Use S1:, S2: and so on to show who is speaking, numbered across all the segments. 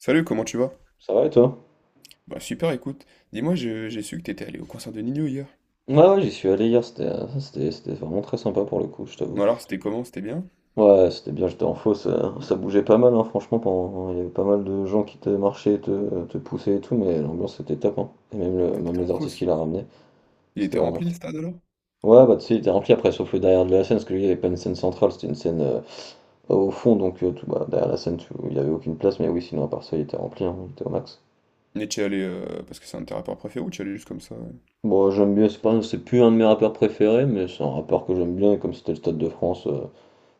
S1: Salut, comment tu vas?
S2: Ça va et toi?
S1: Bah super, écoute, dis-moi, j'ai su que t'étais allé au concert de Nino hier.
S2: Ouais, j'y suis allé hier, c'était c'était vraiment très sympa pour le coup, je
S1: Bon
S2: t'avoue.
S1: alors, c'était comment? C'était bien?
S2: Ouais, c'était bien, j'étais en fausse, ça bougeait pas mal, hein, franchement, il y avait pas mal de gens qui te marchaient, te poussaient et tout, mais l'ambiance était top, hein. Et même,
S1: Ah,
S2: même
S1: t'étais en
S2: les artistes qui
S1: fausse.
S2: l'a ramené,
S1: Il
S2: c'était
S1: était
S2: vraiment...
S1: rempli le stade alors?
S2: Ouais, bah tu sais, il était rempli, après, sauf le derrière de la scène, parce que lui, il n'y avait pas une scène centrale, c'était une scène au fond, donc tout, bah, derrière la scène, il n'y avait aucune place, mais oui, sinon, à part ça, il était rempli, hein, il était au max.
S1: Mais tu es allé parce que c'est un de tes rappeurs préférés ou tu es allé juste comme ça?
S2: Bon, j'aime bien, c'est pas, c'est plus un de mes rappeurs préférés, mais c'est un rappeur que j'aime bien, et comme c'était le Stade de France...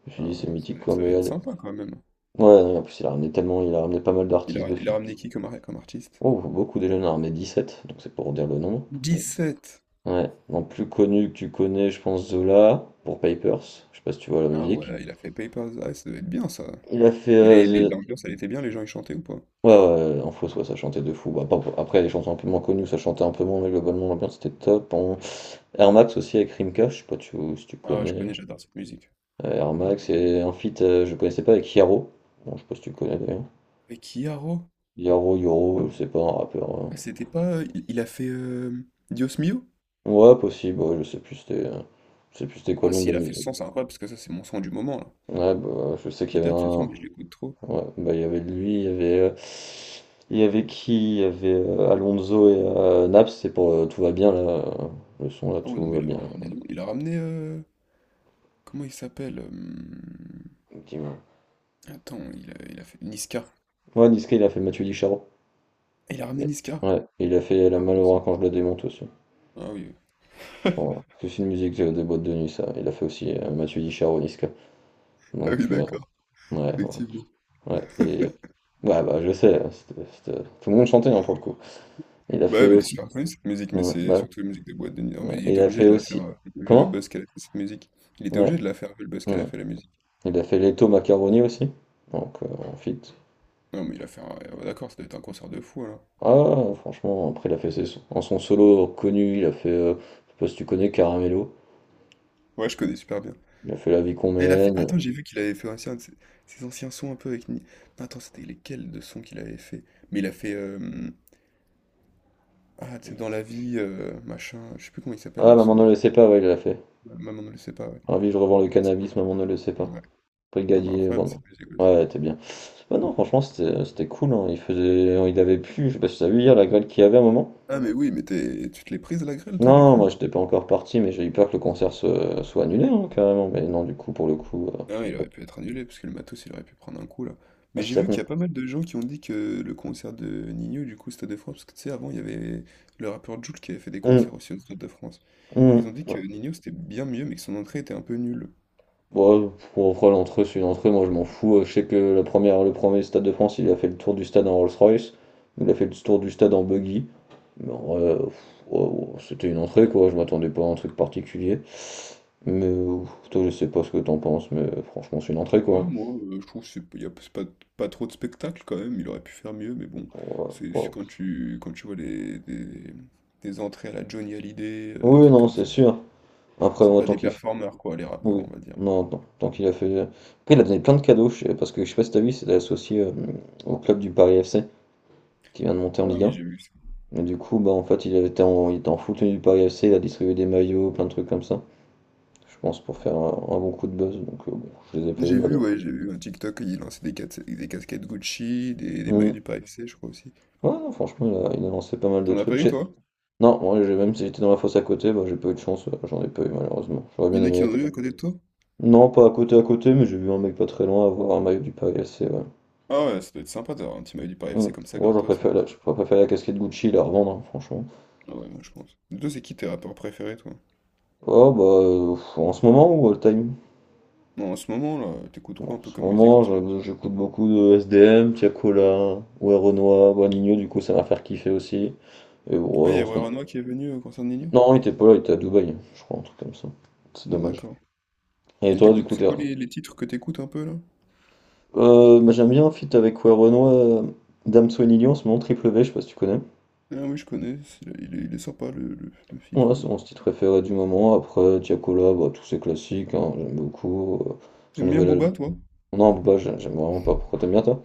S2: Je me suis
S1: Ah
S2: dit,
S1: ouais,
S2: c'est
S1: non,
S2: mythique quoi,
S1: ça va
S2: mais
S1: être
S2: elle.
S1: sympa quand même.
S2: Ouais, non, en plus, il a ramené pas mal
S1: Il
S2: d'artistes
S1: a,
S2: de
S1: il a
S2: filles.
S1: ramené qui comme, comme artiste?
S2: Oh, beaucoup déjà, il en a ramené 17 donc c'est pour dire le nom.
S1: 17!
S2: Ouais, non, plus connu que tu connais, je pense Zola, pour Papers, je sais pas si tu vois la
S1: Ah
S2: musique.
S1: ouais, il a fait Papers. Ah, ça doit être bien ça.
S2: Il a fait.
S1: Mais
S2: The-
S1: l'ambiance, elle était bien, les gens ils chantaient ou pas?
S2: ouais, en fausse, ouais, ça chantait de fou. Après, les chansons un peu moins connues, ça chantait un peu moins, mais globalement, l'ambiance était top. En... Air Max aussi avec Rimka, je sais pas si tu
S1: Ah ouais, je
S2: connais.
S1: connais, j'adore cette musique.
S2: Air Max et un feat, je connaissais pas, avec Yaro. Bon, je sais pas si tu connais d'ailleurs.
S1: Avec Kiaro?
S2: Yaro, Yoro, je sais pas, un rappeur.
S1: Ah, c'était pas, il a fait Dios Mio?
S2: Ouais, possible, ouais, je sais plus c'était je sais plus c'était quoi
S1: Ah
S2: le nom
S1: si,
S2: de
S1: il
S2: la
S1: a fait ce
S2: musique.
S1: son, c'est incroyable parce que ça, c'est mon son du moment là.
S2: Ouais, bah, je sais qu'il
S1: Il
S2: y avait
S1: date ce son,
S2: un
S1: mais je l'écoute trop.
S2: ouais, bah il y avait lui, il y avait qui? Il y avait Alonso et Naps, c'est pour tout va bien là, le son là
S1: Ah ouais, non,
S2: tout
S1: mais
S2: va
S1: il a
S2: bien.
S1: vraiment ramené du monde. Il a ramené, comment il s'appelle?
S2: Dis-moi.
S1: Attends, il a fait Niska.
S2: Ouais, Niska, il a fait Mathieu Di Charo.
S1: Ah, il a ramené
S2: Mais-
S1: Niska.
S2: Ouais, et il a fait La
S1: Ah oui.
S2: Malheur quand je la démonte aussi.
S1: Ah oui,
S2: Voilà. Parce que c'est une musique des boîtes de nuit ça. Il a fait aussi Mathieu Di Charo, Niska.
S1: ah
S2: Donc
S1: oui, d'accord,
S2: ouais, ouais,
S1: effectivement.
S2: ouais, et ouais bah je sais, hein, tout le monde chantait hein, pour le coup. Il a
S1: Bah ouais,
S2: fait
S1: mais elle est
S2: aussi.
S1: super connue cette musique, mais
S2: Ouais,
S1: c'est
S2: bah
S1: surtout la musique des boîtes de nuit. Non,
S2: ouais,
S1: mais
S2: ouais.
S1: il
S2: Il
S1: était
S2: a
S1: obligé
S2: fait
S1: de la faire,
S2: aussi.
S1: vu le
S2: Comment?
S1: buzz qu'elle a fait cette musique. Il était
S2: Ouais.
S1: obligé de la faire vu le buzz qu'elle a
S2: Hmm.
S1: fait la musique.
S2: Il a fait Leto Macaroni aussi. Donc en fit.
S1: Non, mais il a fait un. Ouais, d'accord, ça doit être un concert de fou alors.
S2: Ah franchement, après il a fait ses sons. En son solo connu, il a fait je sais pas si tu connais Caramello.
S1: Ouais, je connais super bien.
S2: Il a fait La vie qu'on
S1: Ah, il a fait.
S2: mène.
S1: Attends, j'ai vu qu'il avait fait aussi un de ses, ses anciens sons un peu avec. Non, attends, c'était lesquels de sons qu'il avait fait? Mais il a fait, ah, tu sais, dans la vie, machin, je sais plus comment il s'appelle
S2: Ah
S1: le
S2: maman
S1: son,
S2: ne
S1: là.
S2: le sait pas, ouais, il l'a fait.
S1: Ouais, Maman ne le sait pas, ouais.
S2: Ravi, je revends le
S1: Ah
S2: cannabis, maman ne le sait
S1: c'est
S2: pas.
S1: ouais. Ah mais
S2: Brigadier, bon
S1: incroyable
S2: non.
S1: cette musique aussi.
S2: Ouais, t'es bien. Bah non, franchement, c'était cool, hein. Il faisait, il avait plu, je sais pas si t'as vu hier la grêle qu'il y avait un moment.
S1: Ah mais oui, mais t'es es tu te l'es prise à la grêle toi du
S2: Non,
S1: coup ou
S2: moi
S1: pas?
S2: j'étais pas encore parti, mais j'ai eu peur que le concert soit annulé, hein, carrément. Mais non, du coup, pour le coup,
S1: Ah ouais,
S2: c'est
S1: il aurait pu être annulé parce que le matos, il aurait pu prendre un coup là.
S2: ah,
S1: Mais j'ai
S2: c'est ça
S1: vu
S2: qu'on.
S1: qu'il y a pas mal de gens qui ont dit que le concert de Nino du coup au Stade de France, parce que tu sais avant il y avait le rappeur Jul qui avait fait des concerts
S2: Hum,
S1: aussi au Stade de France. Ils ont
S2: hum,
S1: dit
S2: ouais.
S1: que Nino c'était bien mieux mais que son entrée était un peu nulle.
S2: Ouais, pour après, l'entrée, c'est une entrée, moi je m'en fous. Je sais que le premier Stade de France, il a fait le tour du stade en Rolls-Royce, il a fait le tour du stade en buggy. Mais en vrai, ouais, c'était une entrée, quoi, je m'attendais pas à un truc particulier. Mais toi, je sais pas ce que t'en penses, mais franchement, c'est une entrée,
S1: Ouais,
S2: quoi.
S1: moi, je trouve que c'est pas, pas trop de spectacle quand même, il aurait pu faire mieux, mais bon,
S2: Ouais,
S1: c'est
S2: ouais.
S1: quand tu vois des entrées à la Johnny Hallyday, des
S2: Oui,
S1: trucs
S2: non,
S1: comme
S2: c'est
S1: ça.
S2: sûr. Après,
S1: C'est
S2: moi,
S1: pas
S2: tant
S1: des
S2: qu'il
S1: performeurs, quoi, les rappeurs,
S2: Oui,
S1: on va dire.
S2: non, non. Tant qu'il a fait. Après, il a donné plein de cadeaux, parce que je sais pas si t'as vu, c'était associé au club du Paris FC qui vient de monter en
S1: Ah
S2: Ligue
S1: oui,
S2: 1.
S1: j'ai vu ça.
S2: Et du coup, bah en fait, il était en full tenue du Paris FC, il a distribué des maillots, plein de trucs comme ça. Je pense pour faire un bon coup de buzz. Donc, bon, je les ai pas vus
S1: J'ai vu,
S2: malheureusement.
S1: ouais, j'ai vu un TikTok, il lançait des casquettes Gucci, des maillots
S2: Mm.
S1: du Paris FC, je crois aussi.
S2: Ouais, non, franchement, il a lancé pas mal de
S1: T'en as
S2: trucs.
S1: pas eu,
S2: J'ai-
S1: toi?
S2: Non, moi, j'ai- même si j'étais dans la fosse à côté, bah, j'ai pas eu de chance, j'en ai pas eu malheureusement. J'aurais
S1: Il y
S2: bien
S1: en a qui
S2: aimé.
S1: en ont eu à côté de toi?
S2: Non, pas à côté, mais j'ai vu un mec pas très loin avoir un maillot du Paris FC, ouais.
S1: Ah ouais, ça doit être sympa d'avoir un petit maillot du Paris FC
S2: Mm.
S1: comme ça,
S2: Oh,
S1: gratos.
S2: j'aurais préféré la casquette Gucci la revendre, hein, franchement.
S1: Ah ouais, moi, je pense. Et toi, c'est qui tes rappeurs préférés, toi?
S2: Oh, bah, en ce moment ou all time?
S1: Non, en ce moment, là, t'écoutes quoi
S2: Bon,
S1: un
S2: en
S1: peu
S2: ce
S1: comme musique
S2: moment,
S1: en ce moment?
S2: j'écoute beaucoup de S D M Tiakola, ouais, Renoir, Boiligno, du coup, ça m'a fait kiffer aussi. Et bon,
S1: Ah,
S2: ouais,
S1: il y
S2: en
S1: a
S2: ce moment-
S1: Waranoa qui est venu concernant Nino?
S2: Non, il était pas là, il était à Dubaï, je crois, un truc comme ça. C'est
S1: Ah,
S2: dommage.
S1: d'accord.
S2: Et
S1: Et
S2: toi, du
S1: t'écoutes,
S2: coup,
S1: c'est
S2: t'es...
S1: quoi les titres que t'écoutes un peu là?
S2: Bah, j'aime bien un feat avec ouais, Renoir, Damso et Nili en ce moment, Triple V, je sais pas si tu connais.
S1: Ah oui, je connais, il est sympa le, le feat,
S2: Ouais,
S1: ouais.
S2: c'est mon style préféré du moment. Après, Tiakola, bah, tous ces classiques, hein, j'aime beaucoup. Son
S1: T'aimes bien
S2: nouvel album.
S1: Booba, toi?
S2: Non, Booba, j'aime vraiment pas. Pourquoi t'aimes bien toi?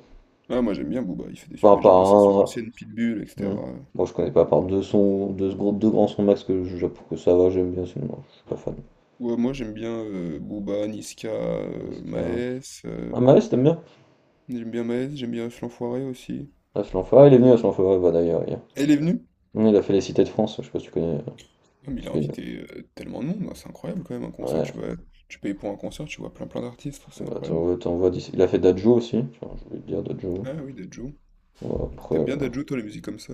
S1: Ah, moi j'aime bien Booba, il fait des...
S2: Enfin,
S1: mais
S2: par
S1: j'aime bien ses sons
S2: un.
S1: anciennes, Pitbull, etc.
S2: Hmm. Moi, je connais pas, par deux sons, deux grands sons max que je que ça va, j'aime bien, sinon, je suis pas fan.
S1: Ouais, moi j'aime bien Booba, Niska,
S2: Disque,
S1: Maes,
S2: Ah, Maes, t'aimes bien?
S1: j'aime bien Maes, j'aime bien Flanfoiré aussi.
S2: Ah, Flanfara, il est venu à Flanfara, bah d'ailleurs, hier.
S1: Elle est venue?
S2: Il a fait les cités de France, je sais pas si tu connais.
S1: Ah, mais il
S2: C'est
S1: a
S2: une-
S1: invité tellement de monde, hein, c'est incroyable quand même, un concert,
S2: Ouais,
S1: tu vois, tu payes pour un concert, tu vois plein plein d'artistes, c'est
S2: bah,
S1: incroyable.
S2: t'en vois d'ici. Il a fait Dadjo aussi, tiens, je voulais te dire Dadjo.
S1: Ah oui, Dadju.
S2: Ouais, après.
S1: T'aimes bien Dadju, toi, les musiques comme ça?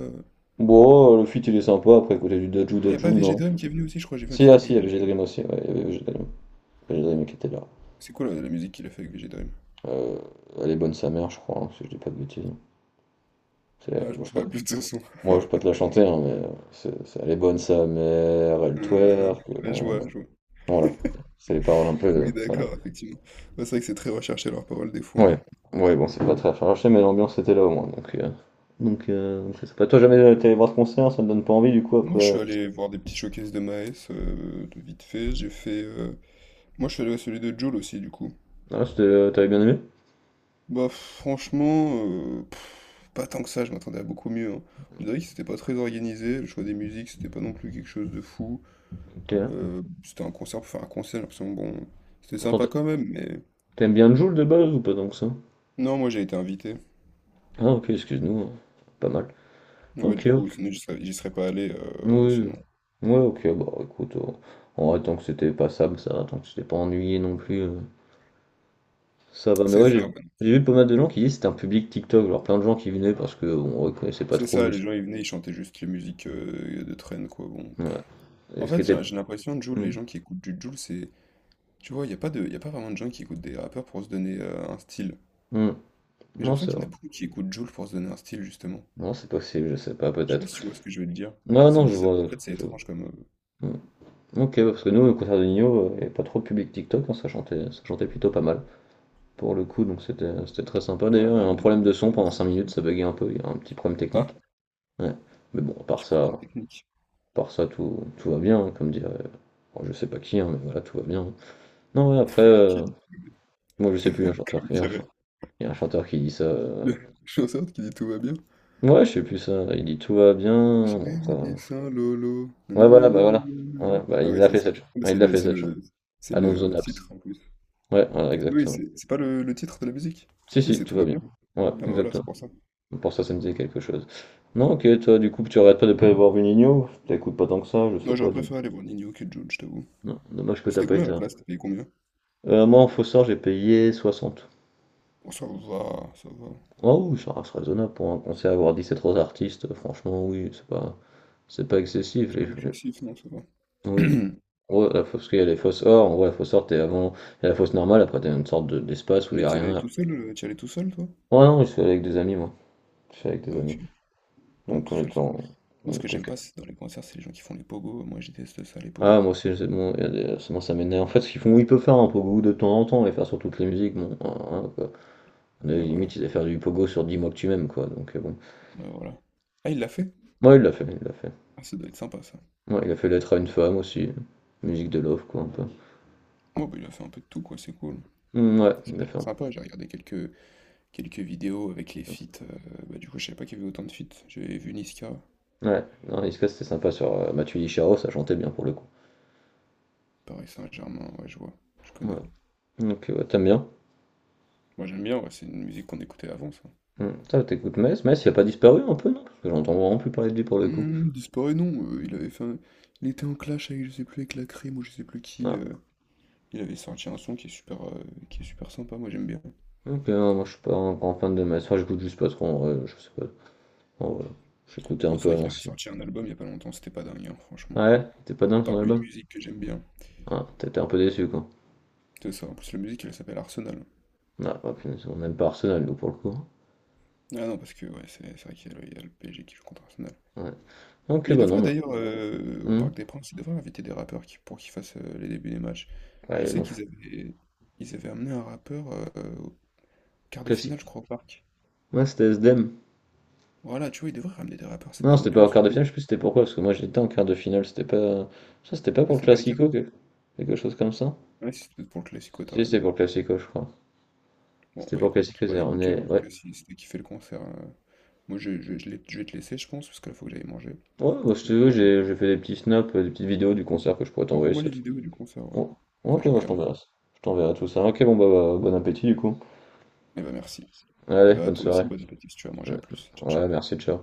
S2: Bon, le feat il est sympa, après, côté du Dadjo,
S1: Il n'y a pas
S2: Dadjo, non.
S1: Vegedream qui est venu aussi, je crois, j'ai vu un
S2: Si, ah
S1: TikTok
S2: si,
S1: avec
S2: il y avait
S1: Vegedream.
S2: G-Dream aussi, ouais, il y avait G-Dream. G-Dream qui était là.
S1: C'est quoi la musique qu'il a fait avec VGDream?
S2: Heu, elle est bonne sa mère, je crois, hein, si je dis pas de bêtises. C'est
S1: Ah, je
S2: bon,
S1: me
S2: je peux
S1: souviens plus de son son.
S2: je peux te la chanter, hein, mais c'est elle est bonne sa mère, elle twerk,
S1: Là, je
S2: on
S1: vois, je vois.
S2: voilà, c'est les paroles un peu,
S1: Oui,
S2: voilà.
S1: d'accord, effectivement. Bah, c'est vrai que c'est très recherché leurs paroles des fois, hein.
S2: Ouais, ouais, bon, c'est pas très recherché, mais l'ambiance était là au moins, donc donc c'est pas Toi, jamais, tu allé voir ce concert, ça me donne pas envie du coup
S1: Moi, je suis
S2: après?
S1: allé voir des petits showcases de Maes, de vite fait. J'ai fait, moi, je suis allé à celui de Jul aussi, du coup.
S2: Ah, c'était, tu bien aimé?
S1: Bah, franchement, pff, pas tant que ça, je m'attendais à beaucoup mieux, hein. On dirait que c'était pas très organisé, le choix des musiques, c'était pas non plus quelque chose de fou.
S2: OK.
S1: C'était un concert pour faire un concert, j'ai l'impression, bon, c'était
S2: Pourtant,
S1: sympa quand même, mais
S2: tu bien Joule de base ou pas donc ça?
S1: non, moi j'ai été invité.
S2: Ah OK, excuse-nous, hein, pas mal.
S1: Ouais, du
S2: OK.
S1: coup, sinon j'y serais pas allé,
S2: Oui.
S1: sinon.
S2: Oui. Ouais, OK, bah, écoute, on en vrai, tant que c'était passable, ça va, tant que c'était pas ennuyé non plus, ça va. Mais
S1: C'est
S2: ouais,
S1: ça, ouais.
S2: j'ai vu pas mal de gens qui disaient que c'était un public TikTok, genre plein de gens qui venaient parce que bon, on reconnaissait pas
S1: C'est
S2: trop
S1: ça, les
S2: juste.
S1: gens ils venaient, ils chantaient juste les musiques de traîne, quoi. Bon.
S2: Ouais.
S1: En
S2: Et ce qui
S1: fait,
S2: était.
S1: j'ai l'impression, Jul, les
S2: Hmm.
S1: gens qui écoutent du Jul, c'est. Tu vois, il n'y a pas de, y a pas vraiment de gens qui écoutent des rappeurs pour se donner un style.
S2: Hmm.
S1: Mais j'ai
S2: Non, c'est
S1: l'impression qu'il y
S2: vrai.
S1: en a beaucoup qui écoutent Jul pour se donner un style, justement.
S2: Non, c'est possible, je sais pas,
S1: Je sais pas
S2: peut-être.
S1: si tu vois ce que je veux te dire.
S2: Non,
S1: C'est
S2: non, je
S1: bizarre. En
S2: vois.
S1: fait, c'est étrange comme.
S2: Hmm. Ok, ouais, parce que nous, au concert de Nino, il n'y avait pas trop de public TikTok, hein, ça chantait plutôt pas mal, pour le coup, donc c'était très sympa.
S1: Ouais,
S2: D'ailleurs, il
S1: bah,
S2: y a un
S1: il
S2: problème de son
S1: est des
S2: pendant 5
S1: centres.
S2: minutes, ça buguait un peu, il y a un petit problème
S1: Ah,
S2: technique. Ouais. Mais bon,
S1: tu prends une
S2: à
S1: technique.
S2: part ça, tout va bien, hein, comme dirait. Bon, je sais pas qui, hein, mais voilà, tout va bien. Non, ouais, après,
S1: Qui dit,
S2: moi je sais plus, il y a un chanteur,
S1: comme
S2: il y a un
S1: dirait.
S2: chan- il y a un chanteur qui dit ça.
S1: Je suis en sorte qu'il dit tout va bien.
S2: Ouais, je sais plus ça, il dit tout va bien.
S1: J'ai
S2: Bon, après,
S1: vu
S2: je-
S1: ça, Lolo.
S2: Ouais, voilà. Ouais,
S1: Nananananana.
S2: bah,
S1: Ah
S2: il
S1: oui,
S2: l'a
S1: c'est
S2: fait
S1: ça.
S2: cette
S1: Ah,
S2: chanson.
S1: mais
S2: Ouais, il
S1: c'est
S2: l'a fait cette chanson.
S1: c'est
S2: Alonso
S1: le
S2: Naps.
S1: titre en plus.
S2: Ouais, voilà,
S1: Oui,
S2: exactement.
S1: c'est pas le, le titre de la musique.
S2: Si,
S1: Si,
S2: si,
S1: c'est
S2: tout
S1: Tout
S2: va
S1: va
S2: bien.
S1: bien.
S2: Ouais,
S1: Ah bah voilà, c'est
S2: exactement.
S1: pour ça.
S2: Pour ça, ça me disait quelque chose. Non, ok, toi, du coup, tu arrêtes pas de pas avoir vu t'écoutes pas tant que ça, je sais
S1: Moi, j'aurais
S2: pas. Du-
S1: préféré aller voir Nino que Jules, je t'avoue.
S2: Non, dommage que
S1: Mais
S2: t'as
S1: c'était
S2: pas
S1: combien la
S2: été.
S1: place? T'as payé combien?
S2: Moi, en faux sort, j'ai payé 60.
S1: Oh, ça va, ça va.
S2: Oh oui, ça reste raisonnable pour un concert, avoir 17 autres artistes, franchement, oui, c'est pas excessif.
S1: C'est pas excessif, non, ça va.
S2: Oui, Ouais, parce qu'il y a les fausses or, en vrai, la fausse or, t'es avant, il y a la fausse normale, après t'as une sorte d'espace où il
S1: Mais
S2: y a
S1: t'y allais
S2: rien.
S1: tout seul, t'y allais tout seul, toi?
S2: Ouais, non, je suis allé avec des amis, moi. Je suis allé avec
S1: Ah
S2: des
S1: ok.
S2: amis.
S1: Non,
S2: Donc
S1: tout
S2: on
S1: seul,
S2: était
S1: ça-
S2: en...
S1: moi,
S2: on
S1: ce que
S2: était
S1: j'aime
S2: que-
S1: pas c'est dans les concerts, c'est les gens qui font les pogos. Moi, je déteste ça, les pogos.
S2: Ah, moi aussi, c'est bon, il y a des- c'est bon, ça m'énerve. En fait, ce qu'ils font, ils peuvent faire un pogo de temps en temps, et faire sur toutes les musiques, bon, hein, quoi. Mais
S1: Ouais, voilà.
S2: limite, ils allaient faire du pogo sur 10 mois que tu m'aimes, quoi, donc bon.
S1: Ouais, voilà. Ah, il l'a fait?
S2: Moi, il l'a fait.
S1: Ah, ça doit être sympa, ça.
S2: Ouais, il a fait Lettre à une femme aussi, musique de Love quoi un peu.
S1: Ouais, bah, il a fait un peu de tout, quoi, c'est cool.
S2: Mmh, ouais,
S1: Ça
S2: il a
S1: a l'air
S2: fait un
S1: sympa, j'ai regardé quelques, quelques vidéos avec les feats, bah, du coup, je savais pas qu'il y avait autant de feats. J'avais vu Niska,
S2: peu. Ouais, non, Niska c'était sympa sur Mathieu Licharo, ça chantait bien pour le coup.
S1: Paris Saint-Germain, ouais, je vois, je
S2: Ouais.
S1: connais.
S2: Ok, ouais, t'aimes bien?
S1: Moi, j'aime bien, ouais, c'est une musique qu'on écoutait avant, ça.
S2: Mmh. Ça, t'écoutes Metz? Metz, il a pas disparu un peu, non? Parce que j'entends vraiment plus parler de lui pour le coup.
S1: Hmm, disparaît, non, il avait fait un- il était en clash avec, je sais plus, avec la crème ou je sais plus qui.
S2: Ah.
S1: Il avait sorti un son qui est super sympa, moi j'aime bien.
S2: Ok, non, moi je suis pas un grand fan de Metz. Enfin, j'écoute juste pas trop en vrai, je sais pas. En vrai, j'écoutais un
S1: Non, c'est
S2: peu
S1: vrai
S2: à
S1: qu'il avait
S2: l'ancienne.
S1: sorti un album il y a pas longtemps, c'était pas dingue, hein, franchement.
S2: Ouais, t'es pas
S1: À
S2: dingue son
S1: part une
S2: album?
S1: musique que j'aime bien.
S2: Ah, t'étais un peu déçu quoi.
S1: C'est ça, en plus la musique elle s'appelle Arsenal.
S2: Ah, oh, punaise, on aime pas Arsenal nous pour le coup, hein.
S1: Ah non, parce que ouais, c'est vrai qu'il y, a le il y a le PSG qui joue contre Arsenal.
S2: Ouais. Ok,
S1: Mais il
S2: bah non,
S1: devrait
S2: bah.
S1: d'ailleurs, au
S2: Mmh.
S1: Parc des Princes, il devrait inviter des rappeurs pour qu'ils fassent les débuts des matchs. Je
S2: Ouais, ils
S1: sais
S2: l'ont fait.
S1: qu'ils avaient, ils avaient amené un rappeur au quart de finale, je
S2: Classique.
S1: crois, au Parc.
S2: Ouais, c'était SDM.
S1: Voilà, tu vois, ils devraient ramener des rappeurs, ça met
S2: Non, c'était pas en
S1: l'ambiance, je
S2: quart de
S1: trouve.
S2: finale, je sais plus c'était pourquoi, parce que moi j'étais en quart de finale, c'était pas. Ça, c'était pas
S1: Là,
S2: pour le
S1: c'est pas les cas.
S2: Classico, quelque chose comme ça?
S1: Ouais, c'est peut-être pour le Classico, t'as
S2: Si, c'était
S1: raison.
S2: pour le Classico, je crois.
S1: Bon,
S2: C'était
S1: bah
S2: pour le
S1: écoute,
S2: Classico,
S1: bah,
S2: c'est
S1: nickel,
S2: ramené.
S1: en tout
S2: Ouais.
S1: cas, si c'était kiffé le concert, hein. Moi, je vais te laisser, je pense, parce que là, faut que j'aille manger.
S2: Ouais, moi je
S1: Je vais
S2: te
S1: pas
S2: vois,
S1: manger.
S2: j'ai fait des petits snaps, des petites vidéos du concert que je pourrais
S1: Bon,
S2: t'envoyer,
S1: envoie-moi
S2: ça
S1: les
S2: te-
S1: vidéos du concert, ouais.
S2: Bon.
S1: Ça,
S2: Ok,
S1: je
S2: moi je
S1: regarde.
S2: t'enverrai ça. Je t'enverrai tout ça. Ok, bon, bah, bon appétit du coup.
S1: Eh bah, merci. Et
S2: Allez,
S1: bah,
S2: bonne
S1: toi aussi,
S2: soirée.
S1: bon appétit si tu vas manger à plus. Ciao,
S2: Ouais,
S1: ciao.
S2: merci, ciao.